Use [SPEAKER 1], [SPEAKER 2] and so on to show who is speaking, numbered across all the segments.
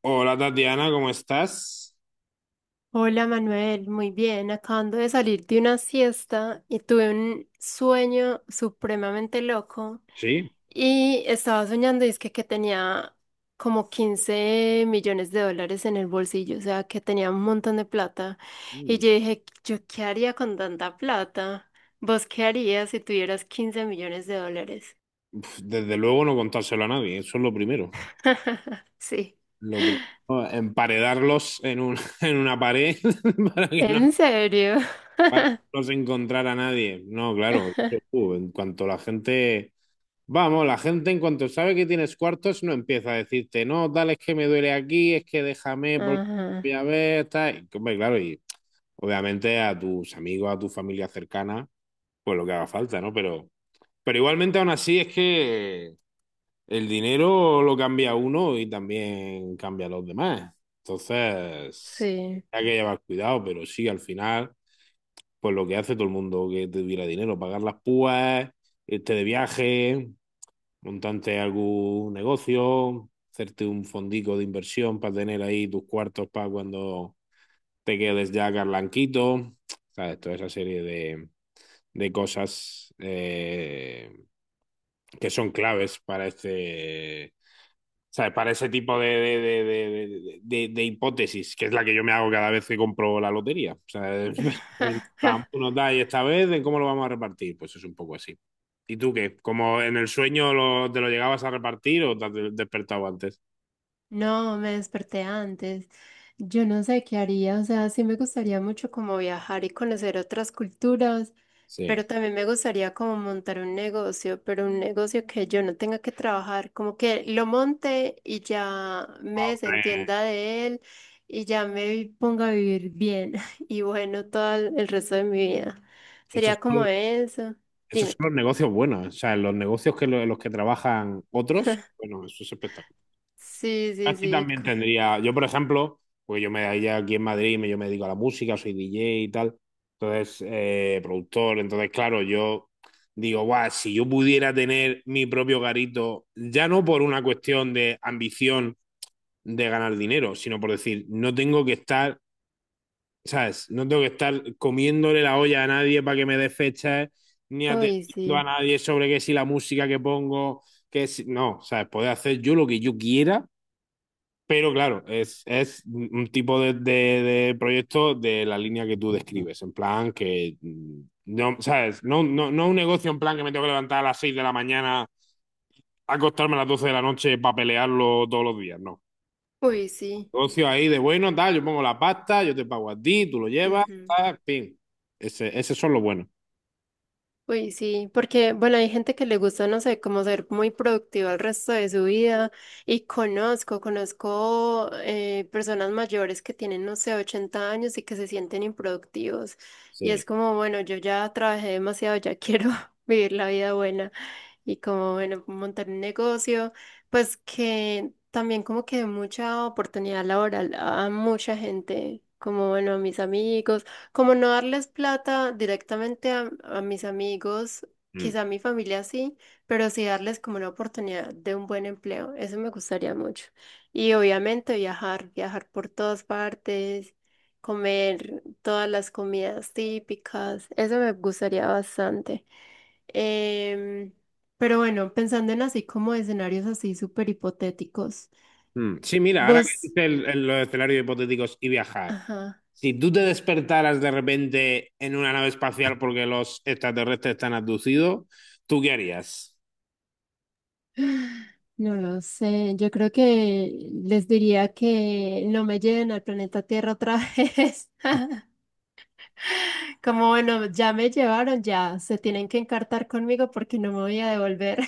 [SPEAKER 1] Hola Tatiana, ¿cómo estás?
[SPEAKER 2] Hola Manuel, muy bien. Acabando de salir de una siesta y tuve un sueño supremamente loco
[SPEAKER 1] Sí.
[SPEAKER 2] y estaba soñando y es que tenía como 15 millones de dólares en el bolsillo, o sea que tenía un montón de plata y
[SPEAKER 1] Mm.
[SPEAKER 2] yo dije, ¿yo qué haría con tanta plata? ¿Vos qué harías si tuvieras 15 millones de dólares?
[SPEAKER 1] Pf, desde luego no contárselo a nadie, eso es lo primero.
[SPEAKER 2] Sí,
[SPEAKER 1] Lo pri- no, emparedarlos en una pared para que no,
[SPEAKER 2] en serio.
[SPEAKER 1] para que no se encontrara nadie. No, claro, eso, en cuanto la gente, vamos, la gente en cuanto sabe que tienes cuartos no empieza a decirte, no, tal, es que me duele aquí, es que déjame porque voy
[SPEAKER 2] Ajá,
[SPEAKER 1] a ver, tal. Y, hombre, claro, y obviamente a tus amigos, a tu familia cercana, pues lo que haga falta, ¿no? Pero igualmente aún así es que el dinero lo cambia uno y también cambia a los demás. Entonces,
[SPEAKER 2] sí.
[SPEAKER 1] hay que llevar cuidado, pero sí, al final, pues lo que hace todo el mundo que tuviera dinero, pagar las púas, irte de viaje, montarte algún negocio, hacerte un fondico de inversión para tener ahí tus cuartos para cuando te quedes ya blanquito, ¿sabes? Toda esa serie de cosas que son claves para este. ¿Sabes? Para ese tipo de hipótesis, que es la que yo me hago cada vez que compro la lotería. O sea, en plan, tú nos da y esta vez, ¿en cómo lo vamos a repartir? Pues es un poco así. ¿Y tú qué? ¿Como en el sueño te lo llegabas a repartir o te has despertado antes?
[SPEAKER 2] No, me desperté antes. Yo no sé qué haría, o sea, sí me gustaría mucho como viajar y conocer otras culturas,
[SPEAKER 1] Sí.
[SPEAKER 2] pero también me gustaría como montar un negocio, pero un negocio que yo no tenga que trabajar, como que lo monte y ya
[SPEAKER 1] Ah,
[SPEAKER 2] me
[SPEAKER 1] hombre,
[SPEAKER 2] desentienda de él y ya me ponga a vivir bien y bueno, todo el resto de mi vida.
[SPEAKER 1] esto es
[SPEAKER 2] Sería como eso.
[SPEAKER 1] Esos
[SPEAKER 2] Dime.
[SPEAKER 1] son los negocios buenos, o sea, los negocios que los que trabajan otros, bueno, eso es espectacular.
[SPEAKER 2] Sí, sí,
[SPEAKER 1] Aquí
[SPEAKER 2] sí.
[SPEAKER 1] también tendría, yo por ejemplo, pues yo me daría aquí en Madrid, yo me dedico a la música, soy DJ y tal, entonces, productor, entonces, claro, yo digo, guau, si yo pudiera tener mi propio garito, ya no por una cuestión de ambición de ganar dinero, sino por decir, no tengo que estar, ¿sabes? No tengo que estar comiéndole la olla a nadie para que me dé fechas, ni
[SPEAKER 2] Uy,
[SPEAKER 1] atendiendo a
[SPEAKER 2] sí.
[SPEAKER 1] nadie sobre que si la música que pongo, que si... No, ¿sabes? Poder hacer yo lo que yo quiera, pero claro, es un tipo de proyecto de la línea que tú describes, en plan que... No, ¿sabes? No, no, no un negocio en plan que me tengo que levantar a las 6 de la mañana, acostarme a las 12 de la noche para pelearlo todos los días, no.
[SPEAKER 2] Uy, sí.
[SPEAKER 1] Negocio ahí de bueno, tal, yo pongo la pasta, yo te pago a ti, tú lo llevas,
[SPEAKER 2] Ujú.
[SPEAKER 1] tal, pin. Esos son los buenos.
[SPEAKER 2] Uy, sí, porque bueno, hay gente que le gusta, no sé, como ser muy productiva el resto de su vida y conozco personas mayores que tienen, no sé, 80 años y que se sienten improductivos y
[SPEAKER 1] Sí.
[SPEAKER 2] es como, bueno, yo ya trabajé demasiado, ya quiero vivir la vida buena y como, bueno, montar un negocio, pues que también como que mucha oportunidad laboral a mucha gente, como, bueno, a mis amigos, como no darles plata directamente a mis amigos,
[SPEAKER 1] Mm.
[SPEAKER 2] quizá a mi familia sí, pero sí darles como una oportunidad de un buen empleo, eso me gustaría mucho. Y obviamente viajar, viajar por todas partes. Comer todas las comidas típicas, eso me gustaría bastante. Em, pero bueno, pensando en así como escenarios así súper hipotéticos,
[SPEAKER 1] Mm. Sí, mira, ahora que
[SPEAKER 2] vos,
[SPEAKER 1] dices los escenarios hipotéticos y viajar.
[SPEAKER 2] ajá,
[SPEAKER 1] Si tú te despertaras de repente en una nave espacial porque los extraterrestres están abducidos, ¿tú qué harías?
[SPEAKER 2] no lo sé, yo creo que les diría que no me lleven al planeta Tierra otra vez. Como bueno, ya me llevaron, ya se tienen que encartar conmigo porque no me voy a devolver.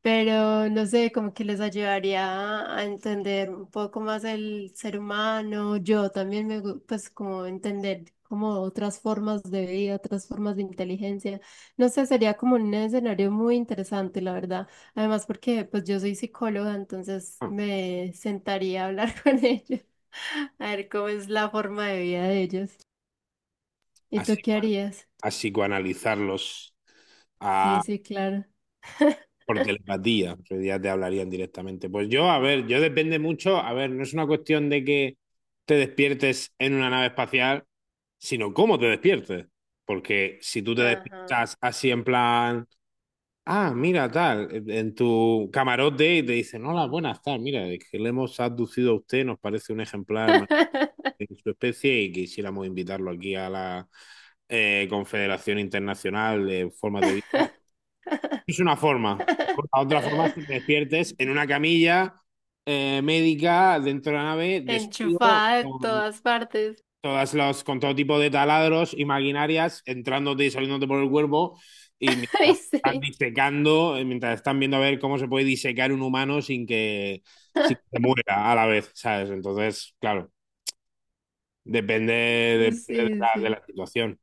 [SPEAKER 2] Pero no sé, como que les ayudaría a entender un poco más el ser humano. Yo también me, pues como entender como otras formas de vida, otras formas de inteligencia. No sé, sería como un escenario muy interesante, la verdad. Además, porque pues yo soy psicóloga, entonces
[SPEAKER 1] Ah,
[SPEAKER 2] me sentaría a hablar con ellos, a ver cómo es la forma de vida de ellos. ¿Y tú
[SPEAKER 1] así,
[SPEAKER 2] qué harías?
[SPEAKER 1] así analizarlos.
[SPEAKER 2] Sí,
[SPEAKER 1] Ah.
[SPEAKER 2] sí, claro.
[SPEAKER 1] Por telepatía, en realidad te hablarían directamente. Pues yo, a ver, yo depende mucho, a ver, no es una cuestión de que te despiertes en una nave espacial, sino cómo te despiertes. Porque si tú te
[SPEAKER 2] Ajá.
[SPEAKER 1] despiertas así en plan, ah, mira, tal, en tu camarote y te dicen, hola, buenas, tal, mira, es que le hemos abducido a usted, nos parece un ejemplar más de su especie y quisiéramos invitarlo aquí a la Confederación Internacional de Formas de Vida, es una forma. La otra forma es que te despiertes en una camilla médica dentro de la nave, desnudo,
[SPEAKER 2] Enchufada de
[SPEAKER 1] con
[SPEAKER 2] todas partes.
[SPEAKER 1] con todo tipo de taladros y maquinarias entrándote y saliéndote por el cuerpo y
[SPEAKER 2] Ay,
[SPEAKER 1] mientras están
[SPEAKER 2] sí.
[SPEAKER 1] disecando, mientras están viendo a ver cómo se puede disecar un humano sin que, sin que se muera a la vez, ¿sabes? Entonces, claro, depende de
[SPEAKER 2] Sí,
[SPEAKER 1] la, de
[SPEAKER 2] sí.
[SPEAKER 1] la situación.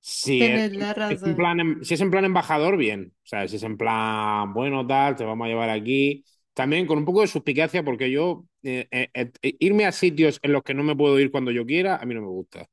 [SPEAKER 1] Si es,
[SPEAKER 2] Tenés la
[SPEAKER 1] es en
[SPEAKER 2] razón.
[SPEAKER 1] plan, em- si es en plan embajador, bien. O sea, si es en plan, bueno, tal, te vamos a llevar aquí. También con un poco de suspicacia, porque yo irme a sitios en los que no me puedo ir cuando yo quiera, a mí no me gusta.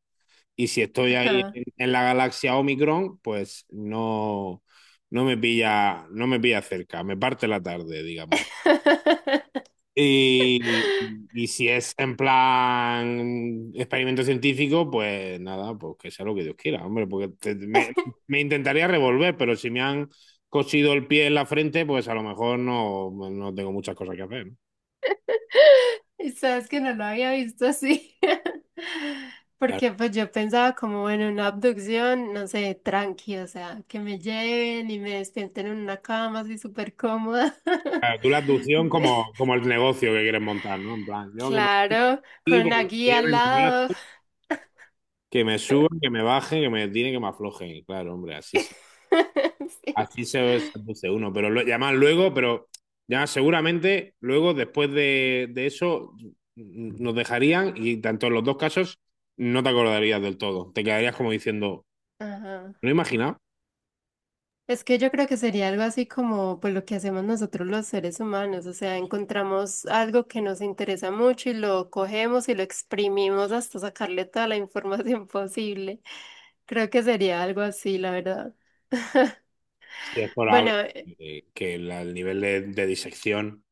[SPEAKER 1] Y si estoy ahí
[SPEAKER 2] Ajá.
[SPEAKER 1] en la galaxia Omicron, pues no, no me pilla cerca, me parte la tarde, digamos. Y, y si es en plan experimento científico, pues nada, pues que sea lo que Dios quiera, hombre, porque me intentaría revolver, pero si me han cosido el pie en la frente, pues a lo mejor no, no tengo muchas cosas que hacer, ¿no?
[SPEAKER 2] Y sabes que no lo había visto así.
[SPEAKER 1] Claro,
[SPEAKER 2] Porque pues yo pensaba como, bueno, una abducción, no sé, tranqui, o sea, que me lleven y me despierten en una cama así súper cómoda.
[SPEAKER 1] claro, tú la abducción como, como el negocio que quieres montar, ¿no? En plan, yo que me
[SPEAKER 2] Claro, con
[SPEAKER 1] aquí,
[SPEAKER 2] una
[SPEAKER 1] pero que me
[SPEAKER 2] guía al
[SPEAKER 1] lleven,
[SPEAKER 2] lado.
[SPEAKER 1] que me suban, que me bajen, que me tiren, que me aflojen. Claro, hombre, así sí.
[SPEAKER 2] Sí.
[SPEAKER 1] Así se puse uno, y además luego, pero ya seguramente luego después de eso nos dejarían, y tanto en los dos casos no te acordarías del todo. Te quedarías como diciendo,
[SPEAKER 2] Ajá.
[SPEAKER 1] no imaginaba
[SPEAKER 2] Es que yo creo que sería algo así como pues lo que hacemos nosotros los seres humanos, o sea, encontramos algo que nos interesa mucho y lo cogemos y lo exprimimos hasta sacarle toda la información posible. Creo que sería algo así, la verdad.
[SPEAKER 1] si es probable
[SPEAKER 2] Bueno,
[SPEAKER 1] que el nivel de disección.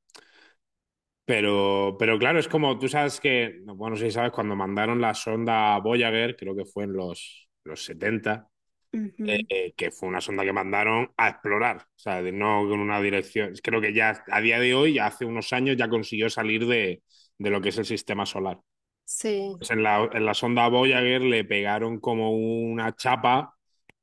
[SPEAKER 1] Pero claro, es como tú sabes que, bueno, no sé si sabes, cuando mandaron la sonda Voyager, creo que fue en los 70,
[SPEAKER 2] ujú,
[SPEAKER 1] que fue una sonda que mandaron a explorar, o sea, no con una dirección. Creo que ya a día de hoy, ya hace unos años, ya consiguió salir de lo que es el sistema solar.
[SPEAKER 2] sí,
[SPEAKER 1] Pues en la sonda Voyager le pegaron como una chapa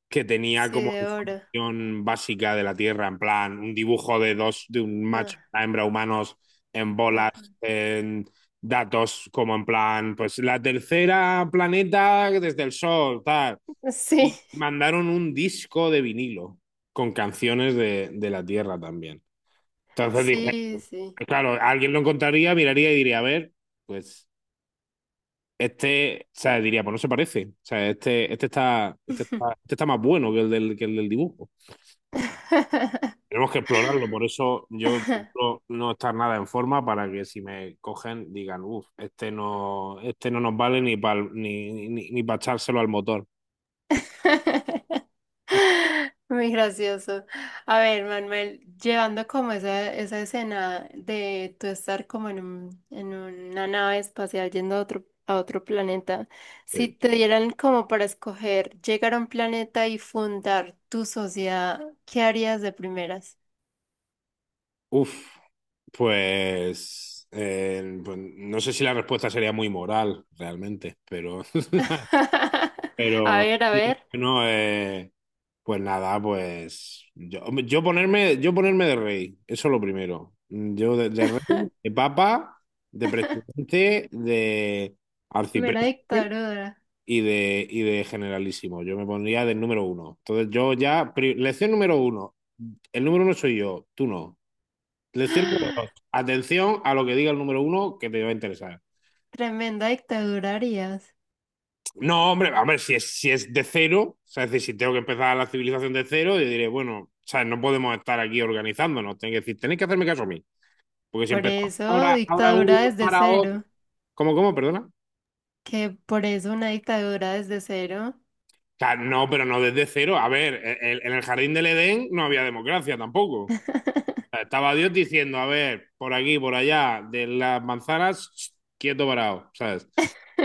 [SPEAKER 1] que tenía
[SPEAKER 2] sí,
[SPEAKER 1] como
[SPEAKER 2] de oro.
[SPEAKER 1] información básica de la Tierra, en plan, un dibujo de dos, de un macho y
[SPEAKER 2] Ah,
[SPEAKER 1] una hembra humanos en bolas,
[SPEAKER 2] ajá.
[SPEAKER 1] en datos como en plan, pues la tercera planeta desde el Sol, tal.
[SPEAKER 2] Sí,
[SPEAKER 1] Y mandaron un disco de vinilo con canciones de la Tierra también. Entonces dije,
[SPEAKER 2] sí,
[SPEAKER 1] pues
[SPEAKER 2] sí.
[SPEAKER 1] claro, alguien lo encontraría, miraría y diría, a ver, pues este, o sea, diría, pues no se parece. O sea, este, este está, este está, este está más bueno que el del dibujo. Tenemos que explorarlo, por eso yo procuro no estar nada en forma para que si me cogen digan, uff, este no nos vale ni para ni pa echárselo al motor.
[SPEAKER 2] Muy gracioso. A ver, Manuel, llevando como esa escena de tú estar como en un, en una nave espacial yendo a otro planeta, si
[SPEAKER 1] Sí.
[SPEAKER 2] te dieran como para escoger llegar a un planeta y fundar tu sociedad, ¿qué harías de primeras?
[SPEAKER 1] Uf. Pues, pues no sé si la respuesta sería muy moral realmente, pero,
[SPEAKER 2] A
[SPEAKER 1] pero
[SPEAKER 2] ver, a
[SPEAKER 1] sí,
[SPEAKER 2] ver.
[SPEAKER 1] no, pues nada, pues yo, hombre, yo ponerme de rey, eso es lo primero. Yo de rey, de papa, de presidente, de
[SPEAKER 2] Mera
[SPEAKER 1] arcipreste
[SPEAKER 2] dictadura.
[SPEAKER 1] y de generalísimo. Yo me pondría del número uno. Entonces yo ya, lección número uno, el número uno soy yo, tú no. Les cierro dos. Atención a lo que diga el número uno que te va a interesar.
[SPEAKER 2] Tremenda dictadura harías.
[SPEAKER 1] No, hombre, hombre, si es, de cero, o sea, es decir, si tengo que empezar la civilización de cero, yo diré, bueno, o sea, no podemos estar aquí organizándonos. Tengo que decir, tenéis que hacerme caso a mí. Porque si
[SPEAKER 2] Por
[SPEAKER 1] empezamos
[SPEAKER 2] eso,
[SPEAKER 1] ahora, ahora uno,
[SPEAKER 2] dictadura desde
[SPEAKER 1] ahora otro.
[SPEAKER 2] cero.
[SPEAKER 1] ¿Cómo, cómo? Perdona. O
[SPEAKER 2] Que por eso una dictadura desde cero.
[SPEAKER 1] sea, no, pero no desde cero. A ver, en el jardín del Edén no había democracia tampoco. Estaba Dios diciendo, a ver, por aquí, por allá, de las manzanas, quieto parado, ¿sabes?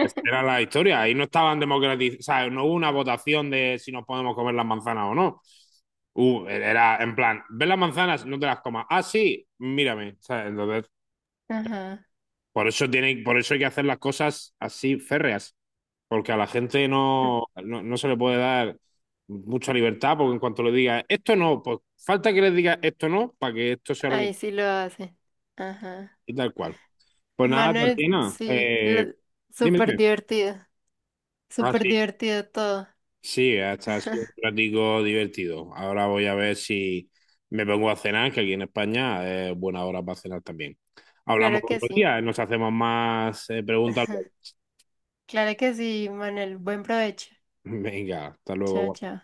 [SPEAKER 1] Esa era la historia. Ahí no estaban democratizados, sabes, no hubo una votación de si nos podemos comer las manzanas o no. Era en plan, ¿ves las manzanas? No te las comas. Ah, sí, mírame. ¿Sabes? Entonces,
[SPEAKER 2] Ajá.
[SPEAKER 1] por eso tiene, por eso hay que hacer las cosas así férreas, porque a la gente no, no, no se le puede dar mucha libertad, porque en cuanto le diga esto no, pues falta que le diga esto no, para que esto sea lo que
[SPEAKER 2] Ahí sí lo hacen. Ajá.
[SPEAKER 1] y tal cual. Pues nada,
[SPEAKER 2] Manuel,
[SPEAKER 1] Tatiana,
[SPEAKER 2] sí, lo-
[SPEAKER 1] dime,
[SPEAKER 2] súper
[SPEAKER 1] dime.
[SPEAKER 2] divertido.
[SPEAKER 1] Ah,
[SPEAKER 2] Súper
[SPEAKER 1] sí,
[SPEAKER 2] divertido todo.
[SPEAKER 1] sí, hasta ha sido un ratico divertido. Ahora voy a ver si me pongo a cenar, que aquí en España es buena hora para cenar también. Hablamos
[SPEAKER 2] Claro que
[SPEAKER 1] otro
[SPEAKER 2] sí.
[SPEAKER 1] día, nos hacemos más preguntas luego.
[SPEAKER 2] Claro que sí, Manuel. Buen provecho.
[SPEAKER 1] Venga, hasta
[SPEAKER 2] Chao,
[SPEAKER 1] luego.
[SPEAKER 2] chao.